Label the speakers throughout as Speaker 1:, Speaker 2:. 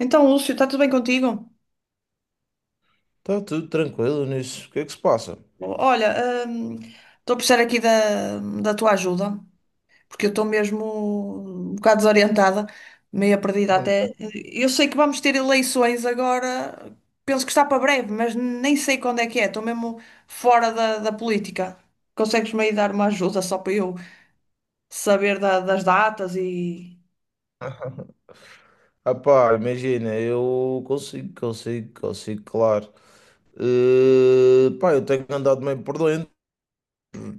Speaker 1: Então, Lúcio, está tudo bem contigo?
Speaker 2: Está tudo tranquilo nisso. O que é que se passa?
Speaker 1: Olha, estou a precisar aqui da tua ajuda, porque eu estou mesmo um bocado desorientada, meio perdida até. Eu sei que vamos ter eleições agora, penso que está para breve, mas nem sei quando é que é, estou mesmo fora da política. Consegues-me aí dar uma ajuda só para eu saber das datas e.
Speaker 2: Ah pá, imagina, eu consigo, consigo, consigo, claro. Pá, eu tenho andado meio por dentro.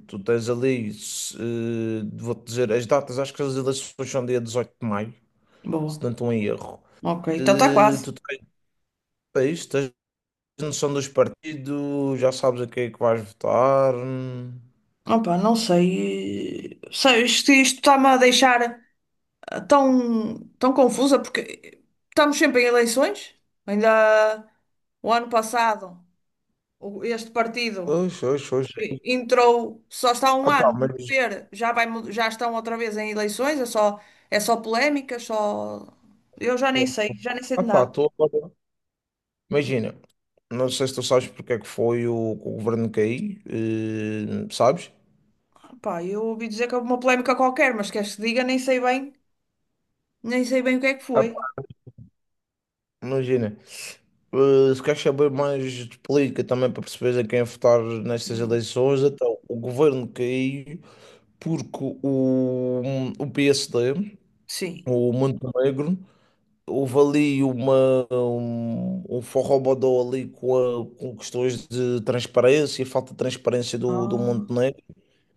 Speaker 2: Tu tens ali, se, eh, vou-te dizer as datas. Acho que as eleições são dia 18 de maio, se não
Speaker 1: Boa,
Speaker 2: estou em erro.
Speaker 1: ok, então está quase.
Speaker 2: Tu tens, tens noção dos partidos, já sabes a quem é que vais votar.
Speaker 1: Opa, não sei. Sei, isto está-me a deixar tão confusa porque estamos sempre em eleições. Ainda há- o ano passado, este partido
Speaker 2: Oxe, oxe, oxe.
Speaker 1: entrou, só está um
Speaker 2: Ah pá,
Speaker 1: ano no
Speaker 2: mas.
Speaker 1: poder, já vai, já estão outra vez em eleições, é é só polémicas, só. Eu já nem sei
Speaker 2: Ah
Speaker 1: de
Speaker 2: pá,
Speaker 1: nada.
Speaker 2: estou agora. Imagina, não sei se tu sabes porque é que foi que o governo cair, sabes?
Speaker 1: Pá, eu ouvi dizer que houve uma polémica qualquer, mas queres que diga, nem sei bem, nem sei bem o que é que
Speaker 2: Ah,
Speaker 1: foi.
Speaker 2: pá, imagina, se queres saber mais de política também, para perceberes a quem votar nestas
Speaker 1: Hum.
Speaker 2: eleições. Então o governo caiu porque o PSD,
Speaker 1: Sim.
Speaker 2: o Montenegro, houve ali um forrobodó ali com, com questões de transparência, falta de transparência do
Speaker 1: Ah,
Speaker 2: Montenegro.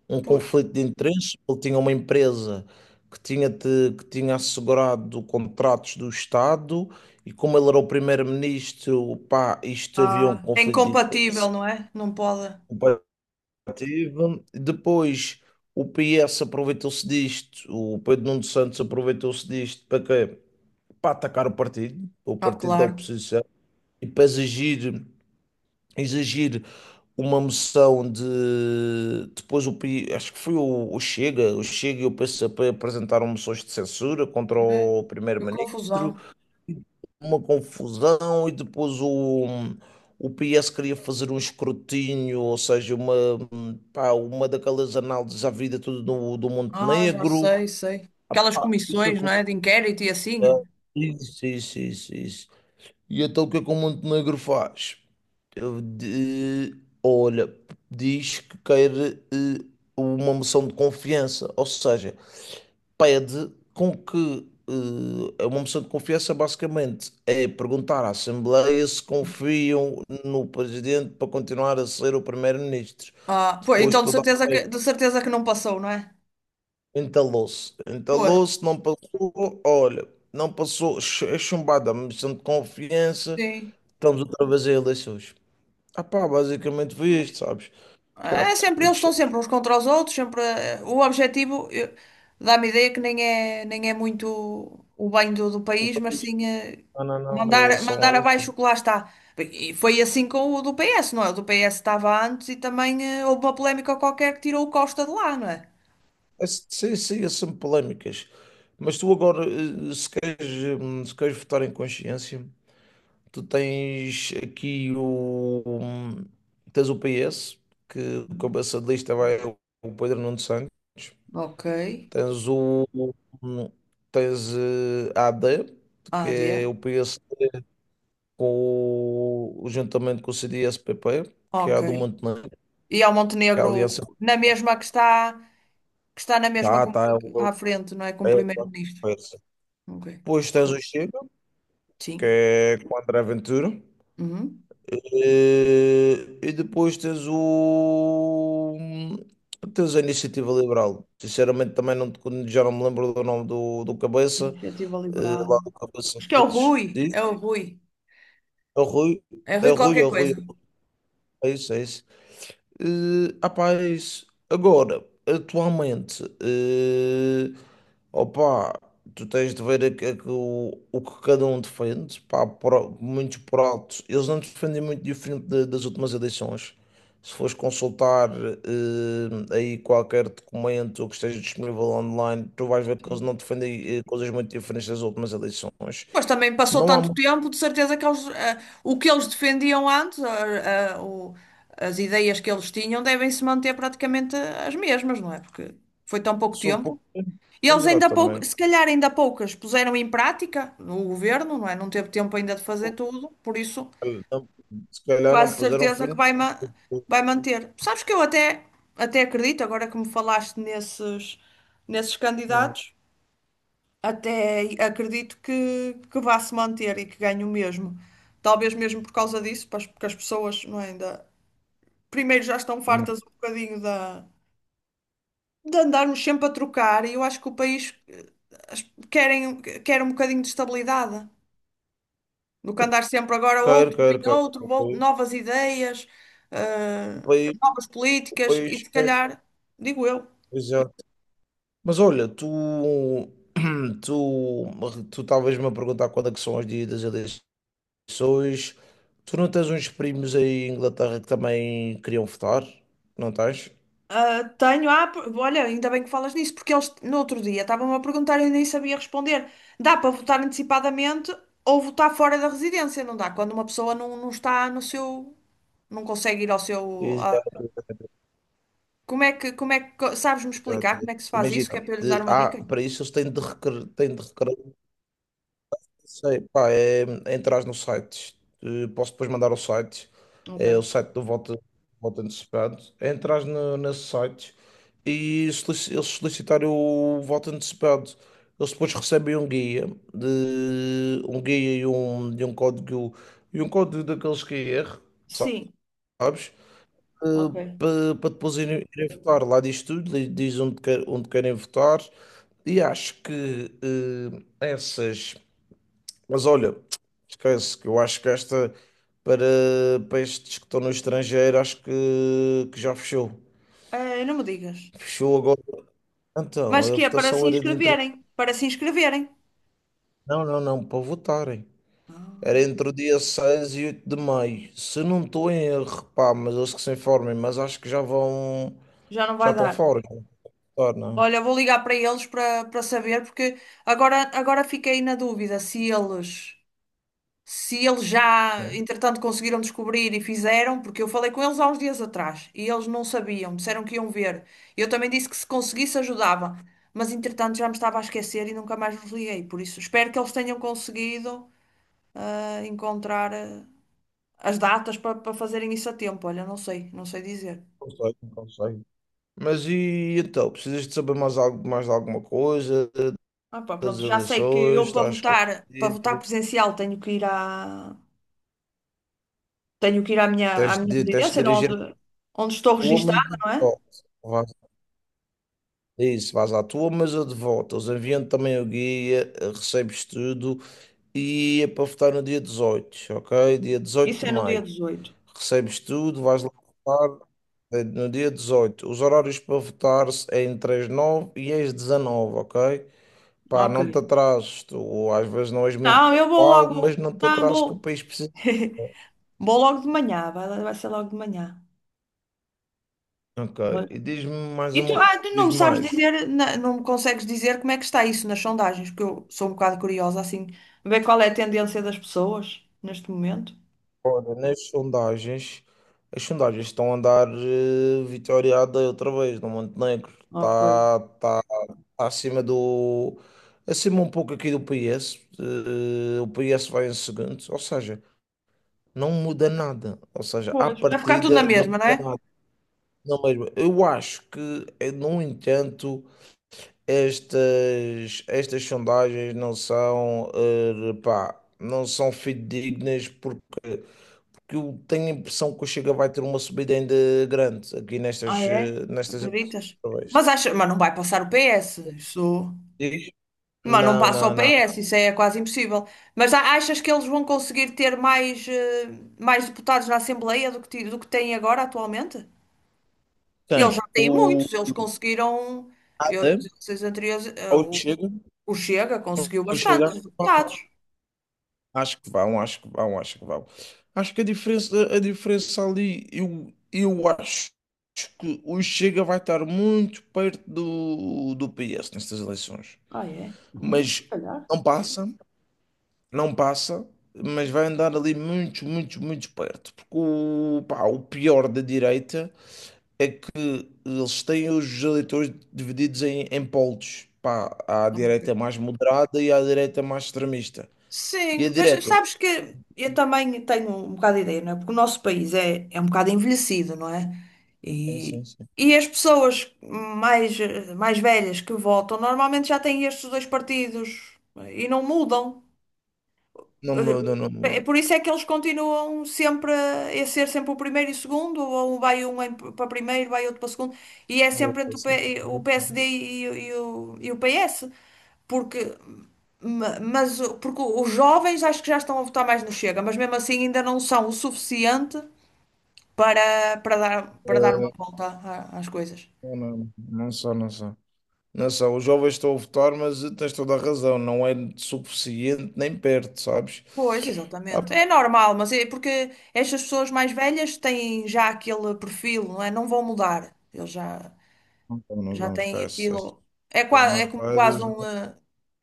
Speaker 2: Um
Speaker 1: pois.
Speaker 2: conflito de interesses. Ele tinha uma empresa que tinha, que tinha assegurado contratos do Estado, e como ele era o primeiro-ministro, pá, isto havia um
Speaker 1: Ah, é
Speaker 2: conflito de interesses
Speaker 1: incompatível, não é? Não pode.
Speaker 2: comparativo. Depois o PS aproveitou-se disto, o Pedro Nuno Santos aproveitou-se disto para quê? Para atacar o
Speaker 1: Ah,
Speaker 2: partido da
Speaker 1: claro.
Speaker 2: oposição, e para exigir, exigir uma moção de. Depois acho que foi o Chega e o PCP apresentaram moções de censura contra
Speaker 1: É,
Speaker 2: o
Speaker 1: que
Speaker 2: primeiro-ministro,
Speaker 1: confusão.
Speaker 2: uma confusão. E depois o PS queria fazer um escrutínio, ou seja, uma daquelas análises à vida tudo do
Speaker 1: Ah, já
Speaker 2: Montenegro.
Speaker 1: sei, sei. Aquelas
Speaker 2: O que
Speaker 1: comissões, não é?
Speaker 2: aconteceu?
Speaker 1: De inquérito e assim.
Speaker 2: Isso, isso, isso, isso. E então o que é que o Montenegro faz? Eu de- Olha, diz que quer eh, uma moção de confiança, ou seja, pede com que é uma moção de confiança. Basicamente, é perguntar à Assembleia se confiam no presidente para continuar a ser o primeiro-ministro.
Speaker 1: Ah, pois,
Speaker 2: Depois
Speaker 1: então
Speaker 2: toda a festa
Speaker 1: de certeza que não passou, não é?
Speaker 2: entalou-se.
Speaker 1: Pois,
Speaker 2: Entalou-se, não passou. Olha, não passou. É chumbada a moção de confiança,
Speaker 1: sim.
Speaker 2: estamos outra vez em eleições. Ah pá, basicamente foi
Speaker 1: Pois.
Speaker 2: isto, sabes?
Speaker 1: É
Speaker 2: Chato,
Speaker 1: sempre,
Speaker 2: muito
Speaker 1: eles estão
Speaker 2: chato.
Speaker 1: sempre uns contra os outros, sempre. O objetivo, dá-me ideia que nem é, nem é muito o bem do, do
Speaker 2: O
Speaker 1: país, mas
Speaker 2: país,
Speaker 1: sim
Speaker 2: não, não, não, é,
Speaker 1: mandar,
Speaker 2: são,
Speaker 1: mandar
Speaker 2: é,
Speaker 1: abaixo o que lá está. E foi assim com o do PS, não é? O do PS estava antes e também houve uma polémica qualquer que tirou o Costa de lá, não é?
Speaker 2: é, sim, sim, é sempre polémicas. Mas tu agora, se queres, se queres votar em consciência, tu tens aqui tens o PS, que o cabeça de lista vai o Pedro Nuno Santos.
Speaker 1: Ok.
Speaker 2: Tens hum, tens a AD, que
Speaker 1: AD.
Speaker 2: é o PS com o, juntamente com o CDS-PP, que é a
Speaker 1: Ok.
Speaker 2: do Montenegro,
Speaker 1: E ao
Speaker 2: que a
Speaker 1: Montenegro
Speaker 2: aliança
Speaker 1: na mesma que está na mesma
Speaker 2: tá, tá, é
Speaker 1: à
Speaker 2: o-
Speaker 1: frente, não é? Como
Speaker 2: é
Speaker 1: primeiro-ministro.
Speaker 2: conversa.
Speaker 1: Ok.
Speaker 2: Depois tens o Chega, que
Speaker 1: Sim.
Speaker 2: é com o André Ventura.
Speaker 1: Uhum.
Speaker 2: Depois tens o. Tens a Iniciativa Liberal. Sinceramente, também já não me lembro do nome do cabeça,
Speaker 1: Iniciativa Liberal.
Speaker 2: lá do cabeça
Speaker 1: Acho que é o
Speaker 2: deles.
Speaker 1: Rui.
Speaker 2: Diz?
Speaker 1: É o Rui.
Speaker 2: É o Rui.
Speaker 1: É
Speaker 2: É
Speaker 1: Rui
Speaker 2: o Rui,
Speaker 1: qualquer
Speaker 2: é o Rui.
Speaker 1: coisa.
Speaker 2: É isso, é isso. Rapaz, agora, atualmente, opá, tu tens de ver o que cada um defende, pá. Muitos por altos, eles não defendem muito diferente das últimas eleições. Se fores consultar aí qualquer documento que esteja disponível online, tu vais ver que eles
Speaker 1: Sim.
Speaker 2: não defendem coisas muito diferentes das últimas eleições.
Speaker 1: Mas também passou
Speaker 2: Não há
Speaker 1: tanto
Speaker 2: muito,
Speaker 1: tempo, de certeza que eles, o que eles defendiam antes, as ideias que eles tinham, devem se manter praticamente as mesmas, não é? Porque foi tão pouco
Speaker 2: sou
Speaker 1: tempo.
Speaker 2: pouco tempo,
Speaker 1: E eles ainda pouco,
Speaker 2: exatamente.
Speaker 1: se calhar ainda poucas puseram em prática no governo, não é? Não teve tempo ainda de fazer tudo, por isso
Speaker 2: Se calhar não
Speaker 1: quase
Speaker 2: puseram
Speaker 1: certeza
Speaker 2: fim.
Speaker 1: que vai, vai manter. Sabes que eu até, até acredito, agora que me falaste nesses, nesses
Speaker 2: Hum,
Speaker 1: candidatos, até acredito que vá se manter e que ganhe o mesmo. Talvez mesmo por causa disso, pois, porque as pessoas, não é, ainda, primeiro já estão
Speaker 2: hum.
Speaker 1: fartas um bocadinho da, de andarmos sempre a trocar, e eu acho que o país as- querem, quer um bocadinho de estabilidade, do que andar sempre agora
Speaker 2: Quero,
Speaker 1: outro, vem
Speaker 2: quero, quero.
Speaker 1: outro,
Speaker 2: O país,
Speaker 1: novas ideias, eh,
Speaker 2: o país,
Speaker 1: novas
Speaker 2: o
Speaker 1: políticas, e
Speaker 2: país
Speaker 1: se
Speaker 2: quer.
Speaker 1: calhar, digo eu,
Speaker 2: Exato. Mas olha, tu, tu, tu talvez me a perguntar quando é que são os dias das eleições. Tu não tens uns primos aí em Inglaterra que também queriam votar? Não tens?
Speaker 1: ah, tenho, ah, olha, ainda bem que falas nisso, porque eles no outro dia estavam-me a perguntar e eu nem sabia responder. Dá para votar antecipadamente ou votar fora da residência, não dá? Quando uma pessoa não, não está no seu, não consegue ir ao seu,
Speaker 2: Exato,
Speaker 1: como é que, como é que, sabes-me
Speaker 2: exato,
Speaker 1: explicar como
Speaker 2: exato.
Speaker 1: é que se faz isso? Que é
Speaker 2: Imagina,
Speaker 1: para eu lhes dar uma dica?
Speaker 2: para isso eles têm de requerer. Sei, pá, é entrar no site. Posso depois mandar o site.
Speaker 1: Ok.
Speaker 2: É o site do voto, voto antecipado. É entrar no, nesse site e eles solicitarem o voto antecipado. Eles depois recebem um guia, um guia e um código daqueles QR,
Speaker 1: Sim,
Speaker 2: sabes?
Speaker 1: ok.
Speaker 2: Para depois irem, irem votar. Lá diz tudo. Diz onde, onde querem votar. E acho que essas. Mas olha, esquece que eu acho que esta, para, estes que estão no estrangeiro, acho que já fechou.
Speaker 1: Ah, não me digas.
Speaker 2: Fechou agora. Então,
Speaker 1: Mas
Speaker 2: a
Speaker 1: que é para se
Speaker 2: votação era de entre.
Speaker 1: inscreverem, para se inscreverem.
Speaker 2: Não, não, não, para votarem. Era
Speaker 1: Ah,
Speaker 2: entre o dia 6 e 8 de maio, se não estou em erro, pá, mas eles que se informem, mas acho que já vão.
Speaker 1: já não
Speaker 2: Já
Speaker 1: vai
Speaker 2: estão
Speaker 1: dar.
Speaker 2: fora. Não, votar, não,
Speaker 1: Olha, vou ligar para eles para, para saber, porque agora, agora fiquei na dúvida se eles se eles já,
Speaker 2: não
Speaker 1: entretanto, conseguiram descobrir e fizeram, porque eu falei com eles há uns dias atrás e eles não sabiam, disseram que iam ver. Eu também disse que se conseguisse ajudava, mas entretanto já me estava a esquecer e nunca mais vos liguei. Por isso, espero que eles tenham conseguido encontrar as datas para para fazerem isso a tempo. Olha, não sei, não sei dizer.
Speaker 2: não sei, não sei. Mas e então, precisas de saber mais, algo, mais de alguma coisa
Speaker 1: Ah, pá,
Speaker 2: das
Speaker 1: pronto, já sei que
Speaker 2: eleições?
Speaker 1: eu
Speaker 2: Estás
Speaker 1: para votar
Speaker 2: esclarecido?
Speaker 1: presencial tenho que ir à, tenho que ir à minha
Speaker 2: Tens
Speaker 1: residência,
Speaker 2: de
Speaker 1: não,
Speaker 2: dirigir à
Speaker 1: onde, onde estou
Speaker 2: tua, mas
Speaker 1: registada,
Speaker 2: eu de
Speaker 1: não é?
Speaker 2: volta. Vais- Isso, vais à tua, mas eu de volta. Os enviam também o guia, recebes tudo e é para votar no dia 18, ok? Dia 18
Speaker 1: Isso é
Speaker 2: de
Speaker 1: no dia
Speaker 2: maio.
Speaker 1: 18.
Speaker 2: Recebes tudo, vais lá votar no dia 18. Os horários para votar é entre as 9 e as 19, ok? Pá,
Speaker 1: Ok.
Speaker 2: não te atrases, tu às vezes não és muito
Speaker 1: Não, eu vou
Speaker 2: pontual, mas
Speaker 1: logo.
Speaker 2: não te
Speaker 1: Não,
Speaker 2: atrases que o
Speaker 1: vou.
Speaker 2: país precisa.
Speaker 1: Vou logo de manhã, vai, vai ser logo de manhã.
Speaker 2: Ok, e diz-me mais
Speaker 1: E tu,
Speaker 2: uma,
Speaker 1: ah, tu não
Speaker 2: diz
Speaker 1: me sabes
Speaker 2: mais.
Speaker 1: dizer, não me consegues dizer como é que está isso nas sondagens, porque eu sou um bocado curiosa, assim, ver qual é a tendência das pessoas neste momento.
Speaker 2: Nas sondagens, as sondagens estão a andar vitoriada outra vez no Montenegro.
Speaker 1: Ok.
Speaker 2: Tá acima do. Acima um pouco aqui do PS. O PS vai em segundo. Ou seja, não muda nada. Ou seja, à
Speaker 1: Pois, vai ficar tudo na
Speaker 2: partida não
Speaker 1: mesma, não
Speaker 2: muda
Speaker 1: é?
Speaker 2: nada. Não mesmo. Eu acho que, no entanto, estas sondagens não são, não são fidedignas, porque que eu tenho a impressão que o Chega vai ter uma subida ainda grande aqui
Speaker 1: Ah, é?
Speaker 2: nestas eleições.
Speaker 1: Acreditas?
Speaker 2: Outra vez.
Speaker 1: Mas acha, mas não vai passar o PS. Isso.
Speaker 2: Diz?
Speaker 1: Mas não
Speaker 2: Não,
Speaker 1: passa ao
Speaker 2: não, não.
Speaker 1: PS, isso é quase impossível. Achas que eles vão conseguir ter mais, mais deputados na Assembleia do que, do que têm agora atualmente? Eles
Speaker 2: Tem
Speaker 1: já têm
Speaker 2: o
Speaker 1: muitos, eles conseguiram, eu, nas
Speaker 2: Haddad,
Speaker 1: eleições anteriores,
Speaker 2: ou
Speaker 1: o Chega conseguiu
Speaker 2: O Chega,
Speaker 1: bastantes deputados.
Speaker 2: acho que vão, acho que vão, acho que vão. Acho que vão. Acho que a diferença ali, eu acho que o Chega vai estar muito perto do PS nestas eleições,
Speaker 1: Ah, é? Olha, se
Speaker 2: mas
Speaker 1: calhar.
Speaker 2: não passa. Não passa, mas vai andar ali muito, muito, muito perto. Porque o pior da direita é que eles têm os eleitores divididos em polos. Pá, há a direita mais moderada e há a direita mais extremista. E a
Speaker 1: Sim, pois
Speaker 2: direita?
Speaker 1: sabes que eu também tenho um bocado de ideia, não é? Porque o nosso país é, é um bocado envelhecido, não é?
Speaker 2: Sim,
Speaker 1: E,
Speaker 2: sim, sim.
Speaker 1: e as pessoas mais, mais velhas que votam normalmente já têm estes dois partidos e não mudam.
Speaker 2: Não muda, não
Speaker 1: É
Speaker 2: muda.
Speaker 1: por isso é que eles continuam sempre a ser sempre o primeiro e o segundo, ou vai um para primeiro, vai outro para segundo, e é
Speaker 2: Eu
Speaker 1: sempre entre o
Speaker 2: consigo.
Speaker 1: O PSD e, o, e o e o PS, porque. Mas, porque os jovens acho que já estão a votar mais no Chega, mas mesmo assim ainda não são o suficiente para, para dar uma
Speaker 2: Eh,
Speaker 1: volta às coisas.
Speaker 2: Não, não só, não só. Não só, os jovens estão a votar, mas tens toda a razão, não é suficiente nem perto, sabes?
Speaker 1: Pois,
Speaker 2: Ah,
Speaker 1: exatamente.
Speaker 2: pá,
Speaker 1: É normal, mas é porque estas pessoas mais velhas têm já aquele perfil, não é? Não vão mudar. Eles já,
Speaker 2: então não
Speaker 1: já
Speaker 2: vamos
Speaker 1: têm
Speaker 2: para essa.
Speaker 1: aquilo. É, é como quase
Speaker 2: Armadas,
Speaker 1: um.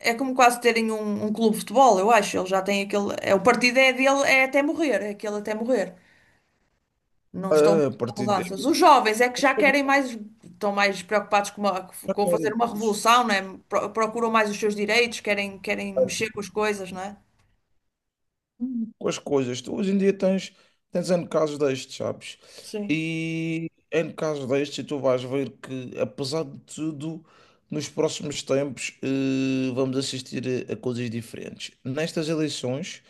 Speaker 1: É como quase terem um, um clube de futebol, eu acho. Eles já têm aquele. É, o partido é dele, é até morrer, é aquele até morrer. Não estão
Speaker 2: ah, a
Speaker 1: muito com
Speaker 2: partir de.
Speaker 1: mudanças. Os jovens é que
Speaker 2: Isso
Speaker 1: já
Speaker 2: é o que
Speaker 1: querem mais, estão mais preocupados com,
Speaker 2: já
Speaker 1: com fazer
Speaker 2: querem
Speaker 1: uma revolução, não é? Procuram mais os seus direitos, querem, querem mexer com as coisas, não é?
Speaker 2: com as coisas. Tu hoje em dia tens, N casos destes, sabes?
Speaker 1: Sim.
Speaker 2: E N casos destes, e tu vais ver que, apesar de tudo, nos próximos tempos vamos assistir a coisas diferentes. Nestas eleições,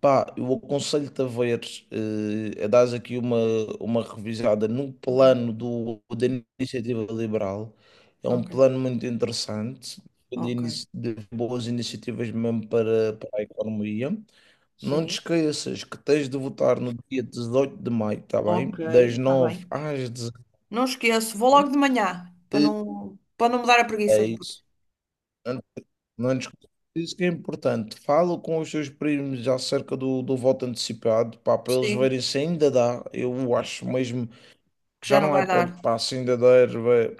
Speaker 2: pá, eu aconselho-te a ver, a dar aqui uma revisada no
Speaker 1: Uhum.
Speaker 2: plano da Iniciativa Liberal. É um
Speaker 1: Ok.
Speaker 2: plano muito interessante,
Speaker 1: Ok.
Speaker 2: de boas iniciativas mesmo para a economia. Não te
Speaker 1: Sim.
Speaker 2: esqueças que tens de votar no dia 18 de maio, tá bem?
Speaker 1: Ok.
Speaker 2: Das
Speaker 1: Está bem.
Speaker 2: 9 às 18.
Speaker 1: Não esqueço, vou logo de manhã, para não me dar a preguiça
Speaker 2: É isso.
Speaker 1: depois.
Speaker 2: Não discuto. Isso que é importante. Fala com os seus primos acerca do voto antecipado, pá, para eles
Speaker 1: Sim,
Speaker 2: verem se ainda dá. Eu acho mesmo,
Speaker 1: que já
Speaker 2: já
Speaker 1: não
Speaker 2: não é
Speaker 1: vai
Speaker 2: para
Speaker 1: dar.
Speaker 2: pá, se ainda dá, vai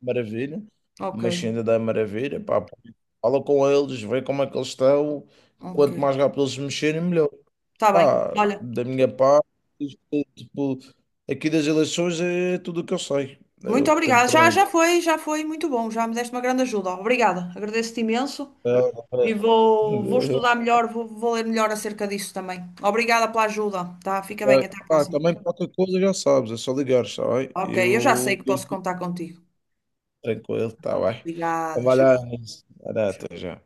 Speaker 2: maravilha,
Speaker 1: Ok,
Speaker 2: mas se ainda dá, é maravilha, pá, pá. Fala com eles, vê como é que eles estão.
Speaker 1: ok.
Speaker 2: Quanto mais rápido eles mexerem, melhor.
Speaker 1: Está bem.
Speaker 2: Pá,
Speaker 1: Olha,
Speaker 2: da minha parte, isto é, tipo, aqui das eleições é tudo o que eu sei, é
Speaker 1: muito
Speaker 2: o que tenho
Speaker 1: obrigada.
Speaker 2: por
Speaker 1: Já,
Speaker 2: dentro.
Speaker 1: já foi muito bom. Já me deste uma grande ajuda. Obrigada. Agradeço-te imenso.
Speaker 2: É,
Speaker 1: E vou, vou
Speaker 2: é,
Speaker 1: estudar melhor, vou, vou ler melhor acerca disso também. Obrigada pela ajuda, tá? Fica
Speaker 2: vai.
Speaker 1: bem, até a
Speaker 2: Pá,
Speaker 1: próxima.
Speaker 2: também qualquer coisa já sabes, é só ligar, está bem?
Speaker 1: Ok, eu já sei que
Speaker 2: Eu
Speaker 1: posso
Speaker 2: estou
Speaker 1: contar contigo.
Speaker 2: tranquilo, está bem? Então
Speaker 1: Obrigada,
Speaker 2: vai lá,
Speaker 1: tchau.
Speaker 2: Anis. Vai lá, até já.